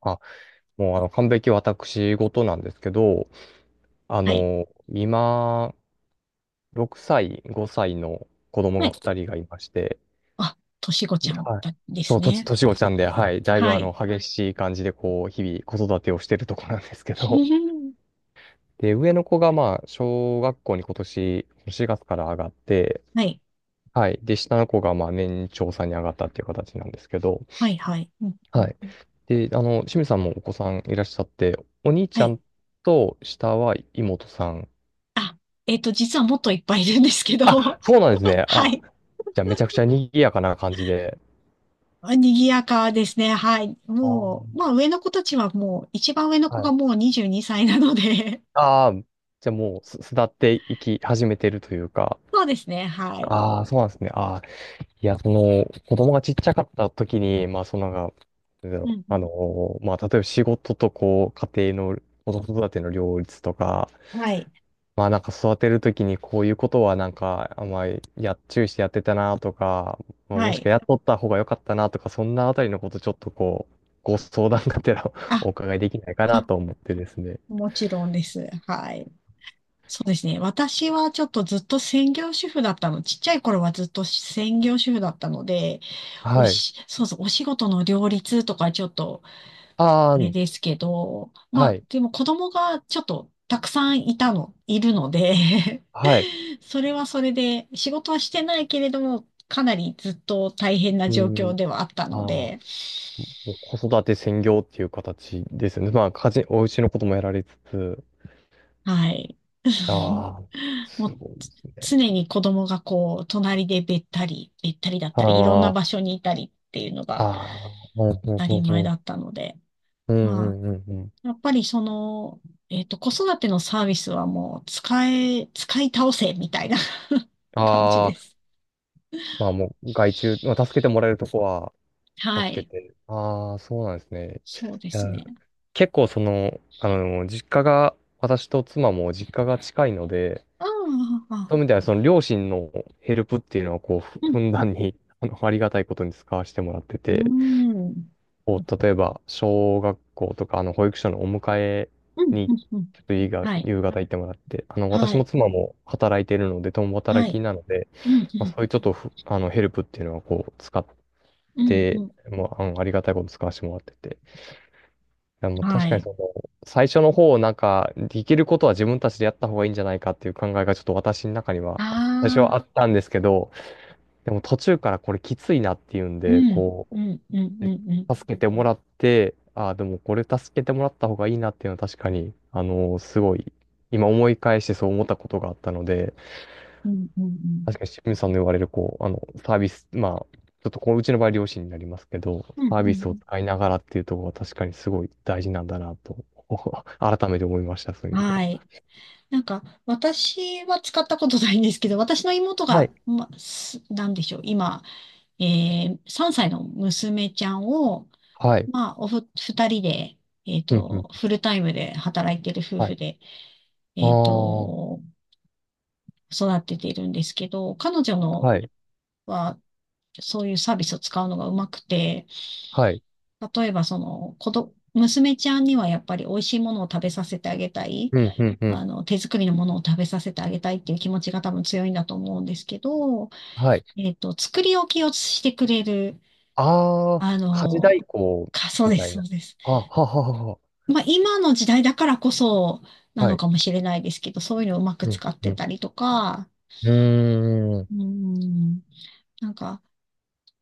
あ、もう完璧私事なんですけど、はい。今、6歳、5歳の子供はがい。2人がいまして、あ、としごちゃでんはい。だでそすう、ね。年落ちたんで、はい。だいぶはい。激しい感じで、日々子育てをしてるところなんですけど、で、上の子がまあ、小学校に今年、4月から上がって、はい。はい。で、下の子がまあ、年長さんに上がったっていう形なんですけど、はい。はい。うんで、清水さんもお子さんいらっしゃって、お兄ちはゃい。んと下は妹さん、実はもっといっぱいいるんですけど、あ、そうなんですね。はあ、い。じゃあめちゃくちゃ賑やかな感じで。賑やかですね。はい。あー、まあ上の子たちはもう、一番上の子はがい。もう22歳なので、ああ、じゃあもう巣立っていき始めてるというか。そうですね。はい。ああ、そうなんですね。ああ、いや、その、子供がちっちゃかった時に、まあ、そのなんか、なんだうろんうう、んまあ、例えば仕事とこう、家庭の、子育ての両立とか、はい。まあなんか育てるときにこういうことはなんか、あんまりや、注意してやってたなとか、まあ、はもしくい。はやっとった方が良かったなとか、そんなあたりのことちょっとこう、ご相談がてら あ、お伺いできないかなあ、と思ってですね。もちろんです。はい。そうですね。私はちょっとずっと専業主婦だったの。ちっちゃい頃はずっと専業主婦だったので、おはい。し、そうそう、お仕事の両立とかちょっとあああ、れですけど、まはあ、い。でも子供がちょっとたくさんいたの、いるので はい。それはそれで、仕事はしてないけれども、かなりずっと大変なう状況ん。ではあったああ、のもで、う子育て専業っていう形ですよね。まあ、家事、お家のこともやられつつ。はい。ああ、もすうごいでつすね。常に子供がこう、隣でべったりだったり、いろんなあ場あ、所にいたりっていうのがああ、ううん当たうり前んうだん。ったので、うんうまあ、んうんうん。やっぱりその、子育てのサービスはもう使え、使い倒せみたいな 感じあであ。す。まあもう外注、まあ、助けてもらえるとこはは助けい。て。ああ、そうなんですね。そうでいや、すね。結構その、実家が、私と妻も実家が近いので、ああ、そあういう意味であはその両親のヘルプっていうのはこう、うふんだん、んに、ありがたいことに使わせてもらってうて、ん、うん、こう、例えば、小学校とか、保育所のお迎えうん、に、うん。うんちょっといいが、はい。夕方行ってもらって、は私もい。妻も働いているので、共は働きい。なので、うん、まあ、そういうちょっとふ、あの、ヘルプっていうのはこう、使っうん、うん、で、うん。もう、ありがたいこと使わせてもらってて。いや、もうは確かにい。その、最初の方、なんか、できることは自分たちでやった方がいいんじゃないかっていう考えがちょっと私の中には、最初あはあ、あったんですけど、でも途中からこれきついなっていうんうで、ん、こうん、うん、うう、ん、うん、助けてもらって、ああ、でもこれ助けてもらった方がいいなっていうのは確かに、すごい、今思い返してそう思ったことがあったので、うん、うん、確かに清水さんの言われる、サービス、まあ、ちょっとこう、うちの場合、両親になりますけど、うん、サーうビスをん。使いながらっていうところは確かにすごい大事なんだなと、改めて思いました、そういう意味ではは。い。なんか、私は使ったことないんですけど、私の妹はが、い。なんでしょう、今、3歳の娘ちゃんを、はい。2人で、うん、うん。フルタイムで働いてる夫はい。婦で、あえっあ、はと、育てているんですけど、彼女のい。は、そういうサービスを使うのがうまくて、はい。例えばその、娘ちゃんにはやっぱり美味しいものを食べさせてあげたい。うん、うん、うあん。の、手作りのものを食べさせてあげたいっていう気持ちが多分強いんだと思うんですけど、はい。作り置きをしてくれる、ああ、あ家事の、代行そうみでたす、いそな。うです。あ、はははは。まあ、今の時代だからこそなはのい。かもしれないですけど、そういうのをうまくうん、使っうてん。たりとか、うーん。うん、なんか、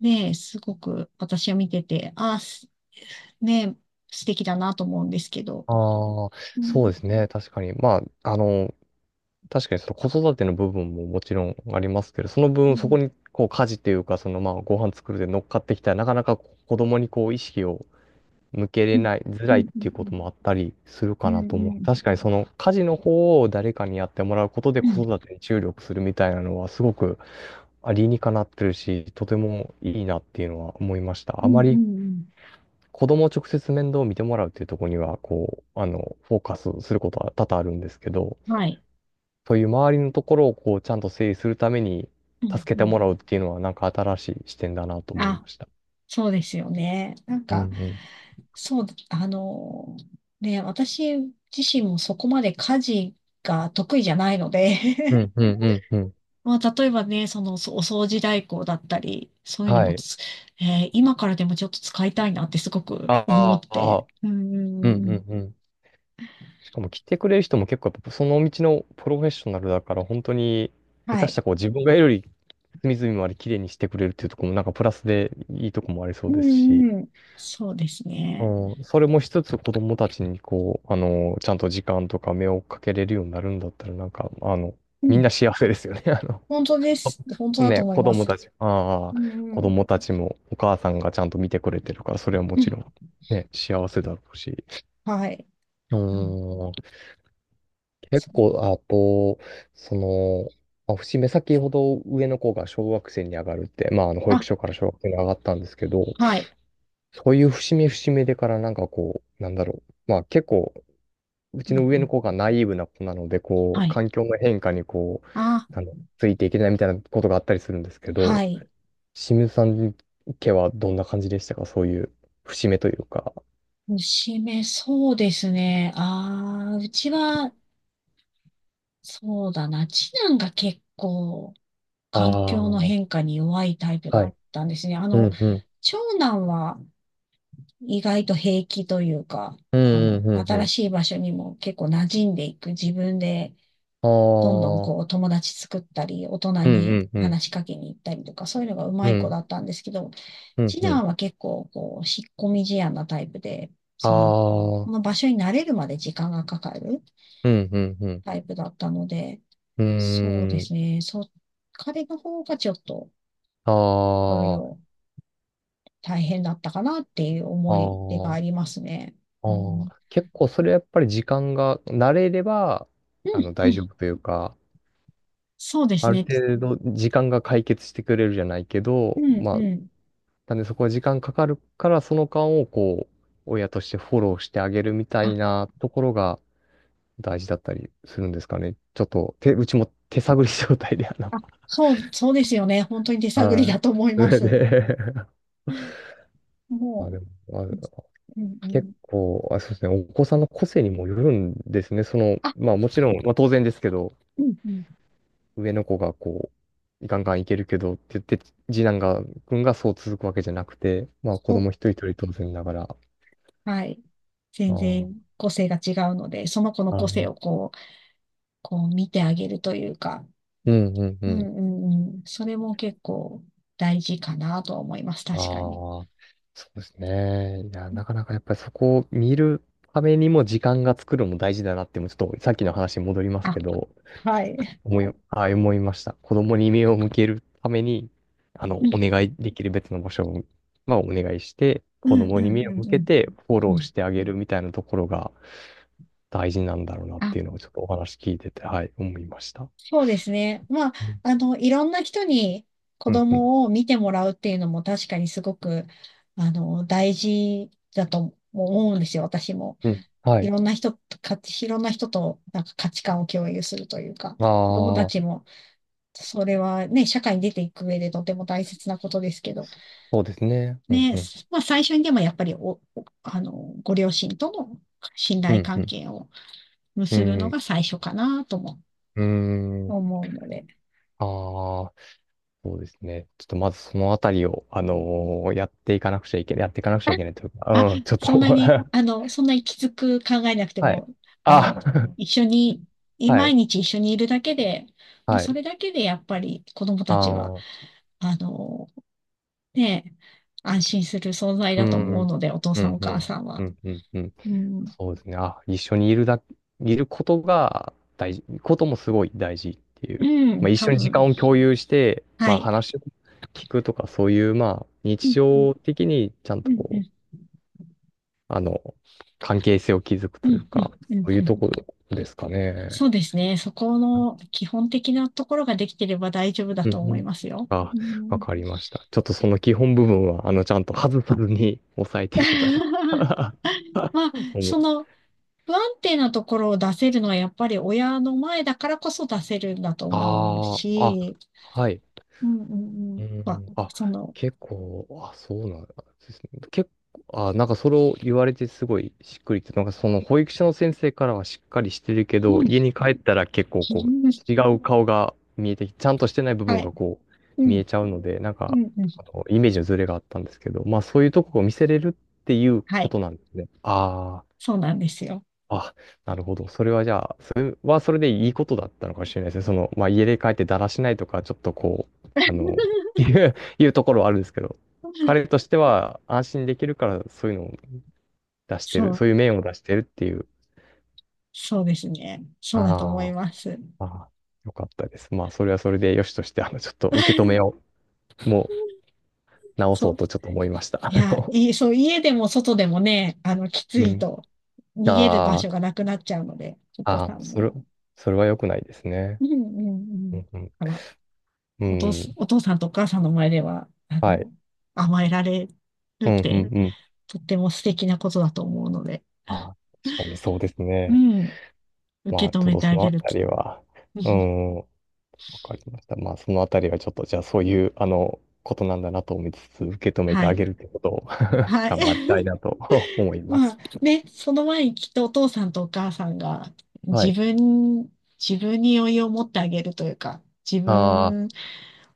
ね、すごく私は見てて、ね、素敵だなと思うんですけど。ああ、うそん、うですね。確かに。まあ、確かにその子育ての部分ももちろんありますけど、そのう分そん、こにこう家事というか、そのまあご飯作るで乗っかってきたら、なかなかこう子供にこう意識を向けうれん、ない、づうらいっん、うていうこん、ともあったりするうかん、なと思うう。ん、確かにその家事の方を誰かにやってもらうことでうん、う子ん、育てに注力するみたいなのはすごく理にかなってるし、とてもいいなっていうのは思いました。うあまりん子供を直接面倒を見てもらうっていうところには、フォーカスすることは多々あるんですけど、うんはい。そういう周りのところをこうちゃんと整理するためにうん、助けうてん。もらうっていうのはなんか新しい視点だなと思いあ、ました。そうですよね。うんうん。そう、あの、ね、私自身もそこまで家事が得意じゃないのうで んう んうんうん。まあ、例えばね、お掃除代行だったり、そういうのはもい。つ、今からでもちょっと使いたいなってすごく思っあて。あ、ーうんんううん、んうん。しかも来てくれる人も結構やっぱその道のプロフェッショナルだから本当に下は手したい。らこう自分がより隅々まで綺麗にしてくれるっていうところもなんかプラスでいいとこもありそうですし、うん。そうですね。うん、それもしつつ子供たちにこう、ちゃんと時間とか目をかけれるようになるんだったらなんか、あの、うみんん。な幸せですよね。あの 本当です。本 当あだとね、思い子ま供す。たち、ああ、うんう子ん。供たちもお母さんがちゃんと見てくれてるから、それはもうちろん。ん、ね、幸せだろうし。はい。うーうんん、結そう構、あと、その、まあ節目先ほど上の子が小学生に上がるって、まあ、保あ、育所から小学生に上がったんですけど、はい。そういう節目節目でからなんかこう、なんだろう、まあ結構、ううちんのう上のん。子がナイーブな子なので、こはう、い。環境の変化にこう、あ、ついていけないみたいなことがあったりするんですけはど、い。清水さん家はどんな感じでしたかそういう節目というか。そうですね。うちは、そうだな。次男が結構、あ環あ、境のは変化に弱いタイプだっい。たんですね。あうの、んうん。長男は意外と平気というか、うあの、んうんうんう新ん。しい場所にも結構馴染んでいく自分で、どんどんああ、こう友達作ったり、大人うにんうんうん。話しかけに行ったりとか、そういうのがううまい子んだったんですけど、うん次うん。男は結構こう、引っ込み思案なタイプで、あその、このあ、場所に慣れるまで時間がかかるうんうんうん。タイプだったので、うそうでーすん。ね、そう、彼の方がちょっとあいろいあ、ろ大変だったかなっていうあ思い出があ、ありますね。あうん、あ、結構それやっぱり時間が慣れれば、うあん、のう大丈ん、夫というか、そうですあるね。程度時間が解決してくれるじゃないけうど、ん、まあうん。なんでそこは時間かかるから、その間をこう、親としてフォローしてあげるみたあ、いなところが大事だったりするんですかね。ちょっと、手、うちも手探り状態で、あ、そうですよね。本当に手探りはだい。と思いそまれす。で、まあ、もでも、まうあ、うんう結ん。構、あ、そうですね、お子さんの個性にもよるんですね。その、あ、まあもちろん、まあ当然ですけど、うんうん。上の子がこう、ガンガンいけるけどって言って、次男が、君がそう続くわけじゃなくて、まあ子そう。供一人一人当然ながら、あはい。全あ、然個性が違うので、その子の個あ、性をこう、こう見てあげるというか、うんうんうん。うん。それも結構大事かなとは思います。あ確かに。あ、そうですね。いや、なかなかやっぱりそこを見るためにも時間が作るのも大事だなって、もうちょっとさっきの話に戻りますけあ、ど、はい。あ、思いました。子供に目を向けるために、うおん願いできる別の場所を、まあ、お願いして、う子んう供にん目をうん向うけん。てフォうローんしてあげるみたいなところが大事なんだろうなっあ、ていうのをちょっとお話聞いてて、はい、思いました。そうですね。まあ、うん、あの、いろんな人に子うん、うん。供を見てもらうっていうのも確かにすごく、あの、大事だと思うんですよ、私も。うんはい。いろんな人となんか価値観を共有するというか、あ子供たあ、ちも、それはね、社会に出ていく上でとても大切なことですけど、そうですね。うん、ね、うん、まあ最初にでもやっぱりあの、ご両親との信う頼ん、う関ん。係をう結ぶのん、が最初かなともうーん。思うので、ああ、そうですね。ちょっとまずそのあたりを、やっていかなくちゃいけない、やっていかなくちゃいけないというあ、か、うん、ちょっと そんなに、あの、そんなにきつく考えなくてはも、い。あの、あ、一緒に、は毎い、日一緒にいるだけで、もうはそい。れだけでやっぱり子供あたちは、のあの、ねえ、安心する存在うだと思うん、ので、お父うさんん、おう母ん、さんは。うん、うん、うん。うん、そうですね。あ、一緒にいるだ、いることが大事、こともすごい大事っていう。うまあ、一多緒に時分。間を共有して、はまあ、い。話を聞くとか、そういう、まあ、う日ん、常的にちゃんうとん、うこう、ん、あの、関係性を築くうというん、うか、ん、うん。そういううんところですかね。そうですね。そこの基本的なところができてれば大丈夫だうとんう思いん。ますよ。あ、うわん かりました。ちょっとその基本部分は、ちゃんと外さずに抑えていけたら まあ、思そう。の不安定なところを出せるのはやっぱり親の前だからこそ出せるんだと思うああ、あ、し、はい。ううん。まあ、ん。あ、その、結構、あ、そうなんですね。結構、あ、なんかそれを言われてすごいしっくりきて、なんかその保育所の先生からはしっかりしてるけうど、ん。家に帰ったら結構こう、違 う顔が見えてき、ちゃんとしてない部は分い。がこうう、見えん、ちゃうので、なんうか、ん、うあん。のイメージのズレがあったんですけど、まあそういうとこを見せれるっていうはこい。となんですね。ああ。そうなんですよ。あ、なるほど。それはじゃあ、それはそれでいいことだったのかもしれないですね。その、まあ、家で帰ってだらしないとか、ちょっとこう、いういうところはあるんですけど、彼としては安心できるから、そういうのを出してそる、う、そういう面を出してるっていう。そうですね。そうだと思いあます。あ、ああ、よかったです。まあ、それはそれでよしとして、あの、ちょっと受け止めを、もう直そそうう。とちょっと思いました。あの、家でも外でもね、あの、きつういん。と、逃げる場あ所がなくなっちゃうので、お子あ、ああ、さんそも。れ、それは良くないですね。うんうんううん。ん、うだから、ん、うん、お父さんとお母さんの前では、あはい。の、甘えられるうっん、うて、ん、うん。とっても素敵なことだと思うので、ああ、確かにそうですうね。ん、ま受あ、け止ちょっめとてそあのげあるたと。りは、う ん、わかりました。まあ、そのあたりはちょっと、じゃあそういう、ことなんだなと思いつつ、受け止めてはあい。げるってことを はい。頑張りたいなと 思いままあす。ね、その前にきっとお父さんとお母さんがは自い。分、自分に余裕を持ってあげるというか、自ああ、分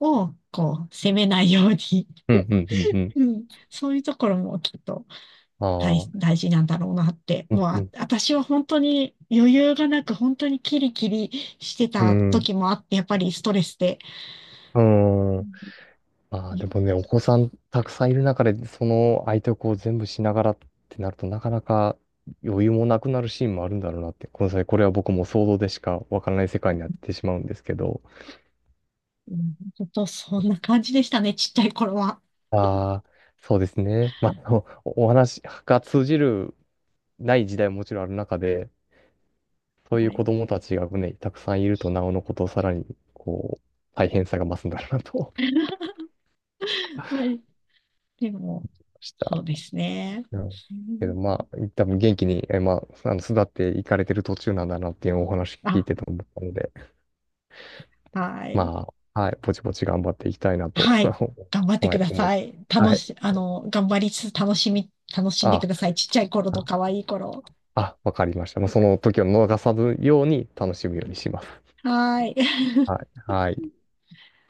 をこう責めないように、うん、うん、うん、う ん。うん、そういうところもきっとああ、大事なんだろうなって、うもうん、うあ、ん、私は本当に余裕がなく本当にキリキリしてうたん、時もあって、やっぱりストレスで、うん。ああ、うでもね、お子さんたくさんいる中で、その相手をこう全部しながらってなると、なかなか余裕もなくなるシーンもあるんだろうなって、この際、これは僕も想像でしかわからない世界になってしまうんですけど、ん、本当そんな感じでしたね、ちっちゃい頃は。ああ、そうですね。まあ、あのおお話が通じるない時代ももちろんある中で、そういはうい。子供たちがね、たくさんいると、なおのことをさらに、こう、大変さが増すんだろうなと思いまあでも、ました。そうですね。うん。うけどんまあ、多分元気に、え、まあ、育っていかれてる途中なんだなっていうお話聞いあてて思ったので、はい。まあ、はい、ぼちぼち頑張っていきたいなと、はい。頑張っ てはくい、だ思う。さい。は楽い。し、あの、頑張りつつ楽しんでくあ、ださい。ちっちゃい頃とあ、可愛い頃。あわかりました。まあ、その時を逃さずように楽しむようにします。はい。はい。はい。